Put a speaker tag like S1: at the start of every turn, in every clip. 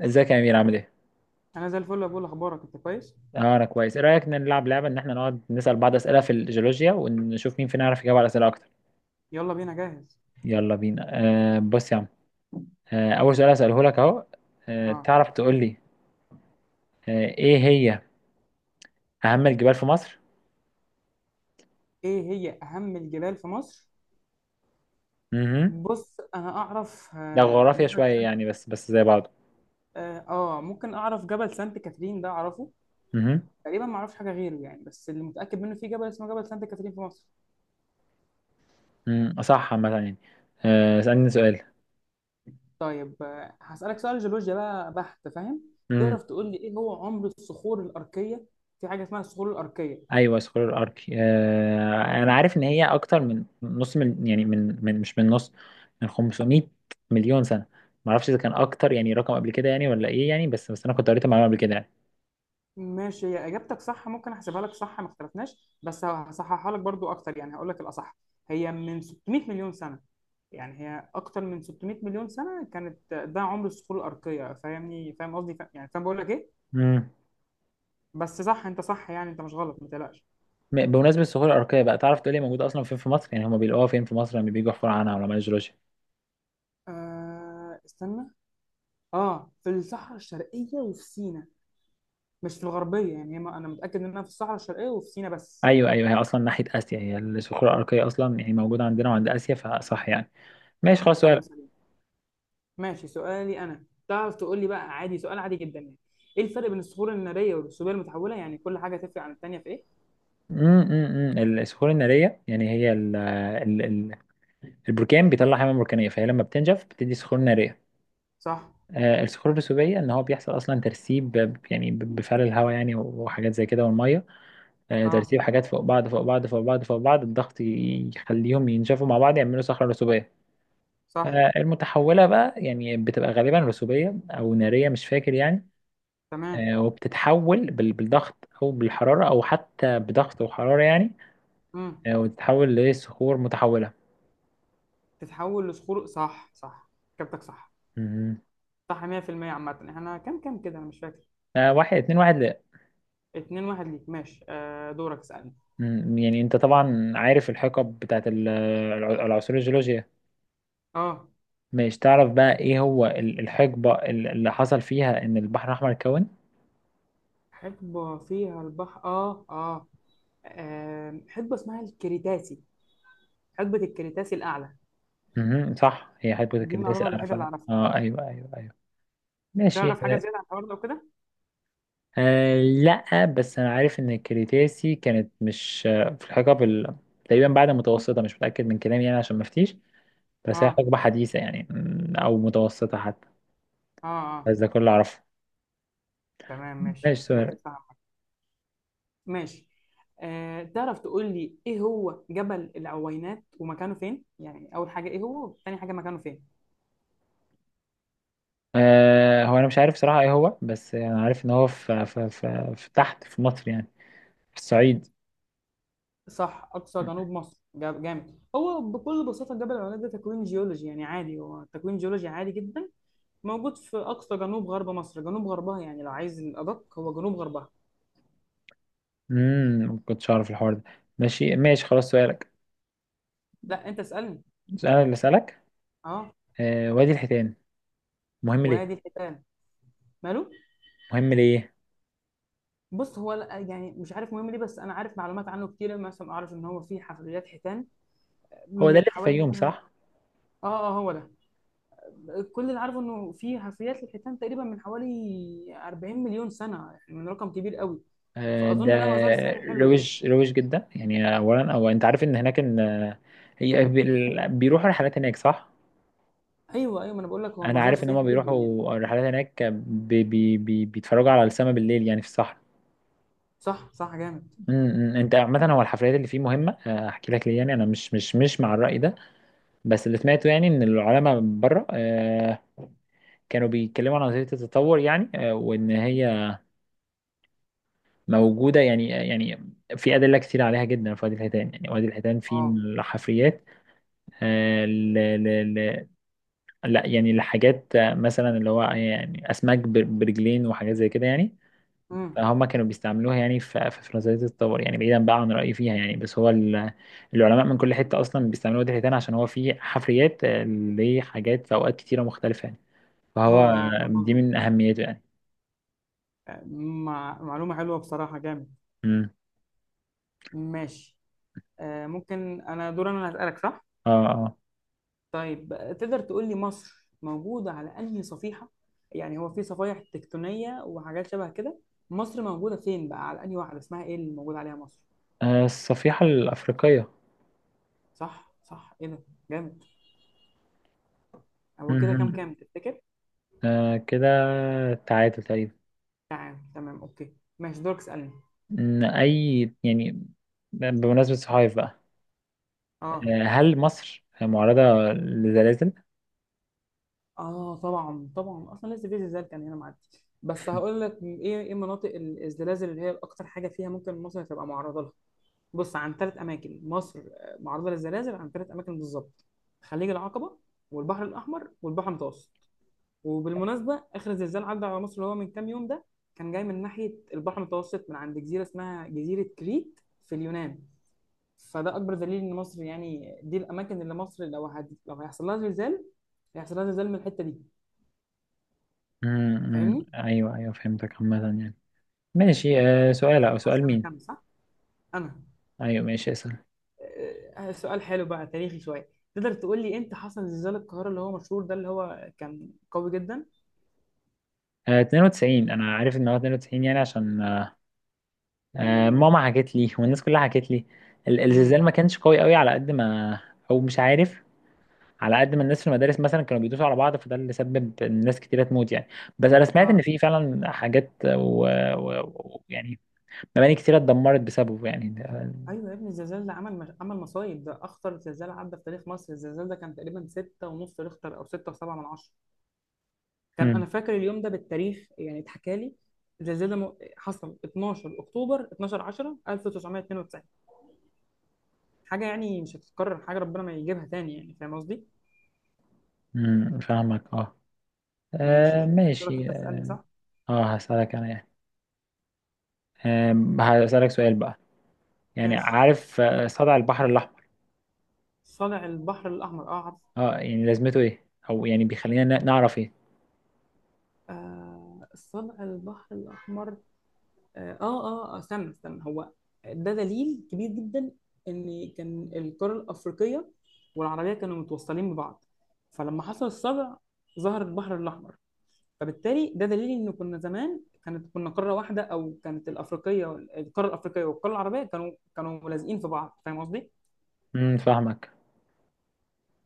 S1: ازيك يا امير عامل ايه؟
S2: انا زي الفل يا بقول اخبارك انت كويس.
S1: اه انا كويس، ايه رايك نلعب لعبه ان احنا نقعد نسال بعض اسئله في الجيولوجيا ونشوف مين فينا يعرف يجاوب على اسئله اكتر،
S2: يلا بينا، جاهز.
S1: يلا بينا، بص يا عم. اول سؤال هساله لك اهو.
S2: اه،
S1: تعرف تقول لي ايه هي اهم الجبال في مصر؟
S2: ايه هي اهم الجبال في مصر؟
S1: اها.
S2: بص انا اعرف
S1: ده جغرافيا
S2: جبل
S1: شويه
S2: سانت.
S1: يعني بس زي بعضه.
S2: اه ممكن اعرف، جبل سانت كاترين ده اعرفه.
S1: اها.
S2: تقريبا ما اعرفش حاجه غيره يعني، بس اللي متاكد منه في جبل اسمه جبل سانت كاترين في مصر.
S1: صح عامه يعني. اسالني سؤال.
S2: طيب هسالك سؤال جيولوجيا بقى بحت، فاهم؟ تعرف تقول لي ايه هو عمر الصخور الاركيه؟ في حاجه اسمها الصخور الاركيه.
S1: ايوه سكرول ارك، انا عارف ان هي اكتر من نص من يعني من مش من نص، من 500 مليون سنه. ما اعرفش اذا كان اكتر يعني رقم قبل كده يعني ولا ايه يعني، بس انا كنت قريت المعلومه قبل كده يعني.
S2: ماشي، هي اجابتك صح، ممكن احسبها لك صح، ما اختلفناش، بس هصححها لك برضو اكتر يعني، هقول لك الاصح. هي من 600 مليون سنه، يعني هي اكتر من 600 مليون سنه كانت، ده عمر الصخور الارقيه، فاهمني؟ فاهم قصدي؟ يعني فاهم بقول لك ايه.
S1: امم
S2: بس صح، انت صح يعني، انت مش غلط، ما تقلقش.
S1: بمناسبه الصخور الاركيه بقى، تعرف تقول لي موجوده اصلا فين في مصر؟ يعني هم بيلاقوها فين في مصر لما بييجوا يحفروا عنها علماء الجيولوجيا؟
S2: آه استنى، اه، في الصحراء الشرقيه وفي سينا، مش في الغربيه يعني، هي ما- انا متاكد انها في الصحراء الشرقيه وفي سينا بس.
S1: ايوه ايوه، هي اصلا ناحيه اسيا، هي الصخور الاركيه اصلا يعني موجوده عندنا وعند اسيا فصح يعني. ماشي خلاص، سؤال.
S2: كلام سليم. ماشي، سؤالي انا، تعرف تقول لي بقى، عادي سؤال عادي جدا يعني، ايه الفرق بين الصخور الناريه والرسوبيه المتحوله؟ يعني كل حاجه تفرق عن التانيه في ايه؟
S1: الصخور الناريه يعني هي البركان بيطلع حمم بركانيه، فهي لما بتنجف بتدي صخور ناريه.
S2: صح.
S1: الصخور الرسوبيه ان هو بيحصل اصلا ترسيب بفعل الهواء يعني وحاجات زي كده والميه.
S2: اه
S1: ترسيب حاجات فوق بعض فوق بعض فوق بعض فوق بعض، الضغط يخليهم ينشفوا مع بعض يعملوا صخره رسوبيه.
S2: صح.
S1: المتحوله بقى يعني بتبقى غالبا رسوبيه او ناريه، مش فاكر يعني.
S2: تمام.
S1: وبتتحول بالضغط او بالحراره او حتى بضغط وحراره يعني،
S2: امم.
S1: وتتحول لصخور متحوله.
S2: تتحول لصخور، صح صح. كابتك صح.
S1: مهم.
S2: صح 100% عامه. احنا كام كام كده، انا مش فاكر.
S1: واحد اتنين واحد.
S2: 2 1 ليك، ماشي، آه دورك، اسالني.
S1: مم، يعني انت طبعا عارف الحقب بتاعت العصور الجيولوجية.
S2: اه.
S1: مش تعرف بقى ايه هو الحقبة اللي حصل فيها ان البحر الاحمر اتكون؟
S2: حقبه فيها البحر، اه اه، حقبه اسمها الكريتاسي، حقبه الكريتاسي الاعلى.
S1: مهم، صح، هي
S2: دي
S1: هيبوثيكاليديز
S2: المعلومه
S1: الاعلى
S2: الوحيده اللي
S1: فعلا،
S2: اعرفها.
S1: اه ايوه ايوه ايوه. ماشي.
S2: تعرف حاجه زياده عن الحوار ده وكده؟
S1: لا، بس انا عارف ان الكريتاسي كانت مش في الحقب تقريبا بعد المتوسطة، مش متأكد من كلامي يعني عشان ما افتيش. بس هي
S2: اه
S1: حقبة حديثة يعني، مم، او متوسطة حتى.
S2: اه اه.
S1: بس ده كله اعرفه.
S2: تمام، ماشي
S1: ماشي،
S2: اجابتك
S1: سؤال.
S2: صح. ماشي، آه تعرف تقول لي ايه هو جبل العوينات ومكانه فين؟ يعني اول حاجه ايه هو، تاني حاجه مكانه فين.
S1: هو انا مش عارف صراحة ايه هو، بس انا عارف ان هو في تحت في مصر يعني، في الصعيد.
S2: صح، اقصى جنوب مصر. جامد. هو بكل بساطه جبل العوينات ده تكوين جيولوجي يعني، عادي هو تكوين جيولوجي عادي جدا، موجود في اقصى جنوب غرب مصر، جنوب غربها يعني، لو عايز الادق هو جنوب غربها.
S1: ما كنتش اعرف الحوار ده. ماشي ماشي، خلاص سؤالك.
S2: لا انت اسالني.
S1: انا اللي اسالك.
S2: اه.
S1: وادي الحيتان، مهم
S2: وادي
S1: ليه؟
S2: الحيتان. ماله؟
S1: مهم ليه؟
S2: بص هو يعني مش عارف مهم ليه، بس انا عارف معلومات عنه كتير. مثلا اعرف ان هو فيه حفريات حيتان
S1: هو ده
S2: من
S1: اللي في
S2: حوالي
S1: الفيوم
S2: مثلا.
S1: صح؟
S2: اه اه، هو ده. كل اللي عارفه انه في حفريات للحيتان تقريبا من حوالي 40 مليون سنه، يعني من رقم كبير قوي.
S1: آه ده
S2: فاظن ده مزار سياحي حلو يعني.
S1: روج روج جدا يعني. اولا، او انت عارف ان هناك ان هي بيروحوا رحلات هناك صح؟
S2: ايوه ايوه، ما انا بقول لك هو
S1: انا
S2: مزار
S1: عارف ان هم
S2: سياحي جدا يعني.
S1: بيروحوا رحلات هناك بي بي بي بيتفرجوا على السماء بالليل يعني في الصحراء.
S2: صح صح، جامد.
S1: إمم. انت عامه هو الحفلات اللي فيه مهمه، احكي لك ليه يعني. انا مش مع الراي ده، بس اللي سمعته يعني ان العلماء بره، كانوا بيتكلموا عن نظريه التطور يعني، وان هي موجوده يعني، في ادله كتير عليها جدا في وادي الحيتان يعني. وادي الحيتان فيه
S2: اه.
S1: الحفريات آه، ل ل ل لا يعني، لحاجات مثلا اللي هو يعني اسماك برجلين وحاجات زي كده يعني.
S2: امم.
S1: فهم كانوا بيستعملوها يعني في في فرنساوية الطور يعني، بعيدا بقى عن رأيي فيها يعني. بس هو العلماء من كل حتة أصلا بيستعملوا واد الحيتان عشان هو فيه حفريات، لحاجات في أوقات كتيرة مختلفة يعني.
S2: اه
S1: فهو،
S2: اه، فاهم
S1: دي
S2: قصدك.
S1: من أهميته يعني.
S2: آه، معلومه حلوه بصراحه، جامد.
S1: مم.
S2: ماشي، آه ممكن انا دور، انا اللي هسالك صح؟
S1: اه اه،
S2: طيب، تقدر تقول لي مصر موجودة على أنهي صفيحة؟ يعني هو في صفائح تكتونية وحاجات شبه كده، مصر موجودة فين بقى، على أنهي واحدة، اسمها إيه اللي موجود عليها مصر؟
S1: الصفيحة الأفريقية.
S2: صح صح، إيه ده، جامد. هو كده كام
S1: مهم.
S2: كام تفتكر؟
S1: آه كده تعادل تقريبا.
S2: تمام تمام، أوكي ماشي، دورك اسألني.
S1: إن أي يعني، بمناسبة الصحايف بقى،
S2: آه
S1: هل مصر معرضة لزلازل؟
S2: آه، طبعا طبعا، أصلا لسه في زلزال كان هنا معدي، بس هقول لك إيه إيه مناطق الزلازل اللي هي أكتر حاجة فيها ممكن مصر تبقى معرضة لها. بص، عن ثلاث اماكن مصر معرضه للزلازل، عن ثلاث اماكن بالظبط: خليج العقبه والبحر الاحمر والبحر المتوسط. وبالمناسبه اخر زلزال عدى على مصر اللي هو من كام يوم ده، كان جاي من ناحيه البحر المتوسط، من عند جزيره اسمها جزيره كريت في اليونان. فده اكبر دليل ان مصر يعني، دي الاماكن اللي مصر لو هيحصل لها زلزال، هيحصل لها زلزال من الحته دي.
S1: مم، مم.
S2: فاهمني؟
S1: أيوه أيوه فهمتك عامة يعني. ماشي، سؤال، أو سؤال
S2: هسألك انا
S1: مين؟
S2: صح؟ انا
S1: أيوة ماشي، اسأل.
S2: سؤال حلو بقى، تاريخي شويه. تقدر تقول لي امتى حصل زلزال القاهره اللي هو مشهور ده، اللي هو كان قوي جدا؟
S1: آه 92، أنا عارف إن هو 92 يعني، عشان ماما حكت لي والناس كلها حكت لي.
S2: امم
S1: الزلزال ما كانش قوي قوي على قد ما، أو مش عارف، على قد ما الناس في المدارس مثلا كانوا بيدوسوا على بعض، فده اللي سبب إن ناس كتيرة تموت يعني. بس أنا سمعت إن
S2: اه.
S1: في فعلا حاجات ويعني مباني كتيرة اتدمرت بسببه يعني ده.
S2: ايوه يا ابني، الزلزال ده عمل مش... عمل مصايب، ده اخطر زلزال عدى في تاريخ مصر. الزلزال ده كان تقريبا ستة ونص ريختر او ستة وسبعة من عشرة. كان
S1: مم،
S2: انا فاكر اليوم ده بالتاريخ يعني، اتحكى لي. الزلزال ده حصل 12 اكتوبر، 12 10 1992. حاجه يعني مش هتتكرر، حاجه ربنا ما يجيبها تاني يعني، فاهم قصدي؟
S1: مم، فاهمك اه.
S2: ماشي، دورك انت
S1: ماشي.
S2: تسالني صح.
S1: اه هسألك أنا يعني، هسألك سؤال بقى، يعني
S2: ماشي،
S1: عارف صدع البحر الأحمر؟
S2: صلع البحر الاحمر، اه عارف.
S1: اه يعني لازمته ايه، او يعني بيخلينا نعرف ايه؟
S2: آه الصدع البحر الأحمر، استنى استنى، هو ده دليل كبير جدا إن كان القارة الأفريقية والعربية كانوا متوصلين ببعض، فلما حصل الصدع ظهر البحر الأحمر. فبالتالي ده دليل إن كنا زمان، كانت كنا قارة واحدة، أو كانت الأفريقية القارة الأفريقية والقارة العربية كانوا ملازقين في بعض، فاهم قصدي؟
S1: فاهمك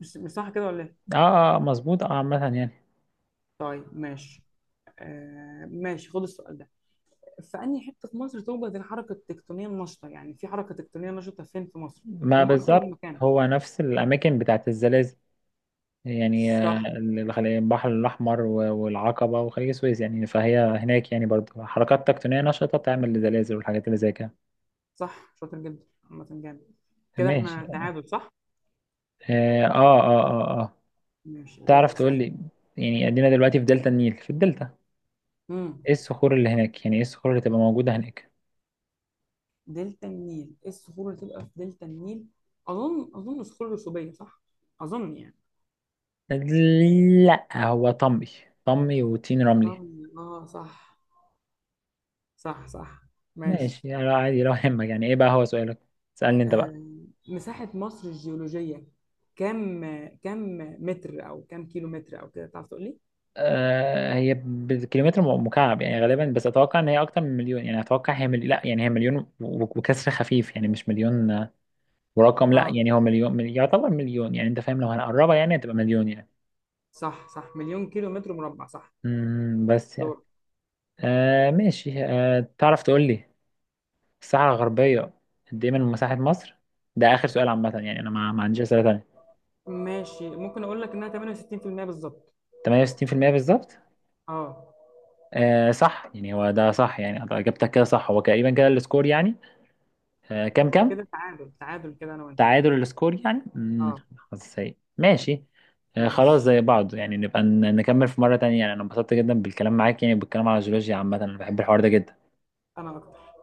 S2: مش صح كده ولا إيه؟
S1: اه اه، مظبوط اه عامة يعني.
S2: طيب ماشي. آه ماشي، خد السؤال ده: في انهي حته في مصر توجد الحركه التكتونيه النشطه؟ يعني في حركه تكتونيه نشطه فين في مصر؟
S1: ما
S2: هم اكتر من
S1: بالظبط
S2: مكان.
S1: هو نفس الأماكن بتاعت الزلازل يعني،
S2: صح
S1: البحر الأحمر والعقبة وخليج السويس يعني، فهي هناك يعني برضو حركات تكتونية نشطة بتعمل الزلازل والحاجات اللي زي كده.
S2: صح، شاطر جدا، عامه جامد. كده
S1: ماشي
S2: احنا
S1: اه
S2: تعادل صح.
S1: اه اه اه آه.
S2: ماشي، دورك
S1: تعرف تقول
S2: اسال.
S1: لي، يعني ادينا دلوقتي في دلتا النيل، في الدلتا،
S2: امم،
S1: ايه الصخور اللي هناك؟ يعني ايه الصخور اللي تبقى موجودة هناك؟
S2: دلتا النيل، ايه الصخور اللي تبقى في دلتا النيل؟ اظن صخور رسوبيه صح، اظن يعني.
S1: لا هو طمي، طمي وطين رملي.
S2: اه صح صح صح. ماشي.
S1: ماشي يعني، عادي لو يهمك يعني ايه بقى هو سؤالك. سألني انت بقى.
S2: آه. مساحه مصر الجيولوجيه كم كم متر، او كم كيلو متر او كده، تعرف تقول لي؟
S1: هي بالكيلومتر مكعب يعني غالبا، بس اتوقع ان هي اكتر من مليون يعني. اتوقع هي لا يعني هي مليون وكسر خفيف يعني، مش مليون، ورقم، لا
S2: اه
S1: يعني هو مليون، يعتبر مليون يعني. انت فاهم لو هنقربها يعني هتبقى مليون يعني.
S2: صح صح، مليون كيلو متر مربع صح.
S1: بس يعني.
S2: دور.
S1: ماشي، تعرف تقول لي الساحة الغربية قد ايه من مساحة مصر؟ ده اخر سؤال عامة يعني، انا ما عنديش اسئلة تانية.
S2: ماشي، ممكن اقول لك انها 68% بالظبط.
S1: 68% بالظبط؟
S2: اه،
S1: صح يعني، هو ده صح يعني، أنت اجابتك كده صح. هو تقريبا كده السكور يعني. كام كام؟
S2: كده تعادل تعادل كده انا وانت.
S1: تعادل السكور يعني،
S2: اه
S1: حظ سيء. ماشي، خلاص
S2: ماشي،
S1: زي بعض يعني، نبقى نكمل في مرة تانية يعني. انا انبسطت جدا بالكلام معاك يعني، بالكلام على الجيولوجيا عامة انا بحب الحوار ده جدا.
S2: انا اكتر.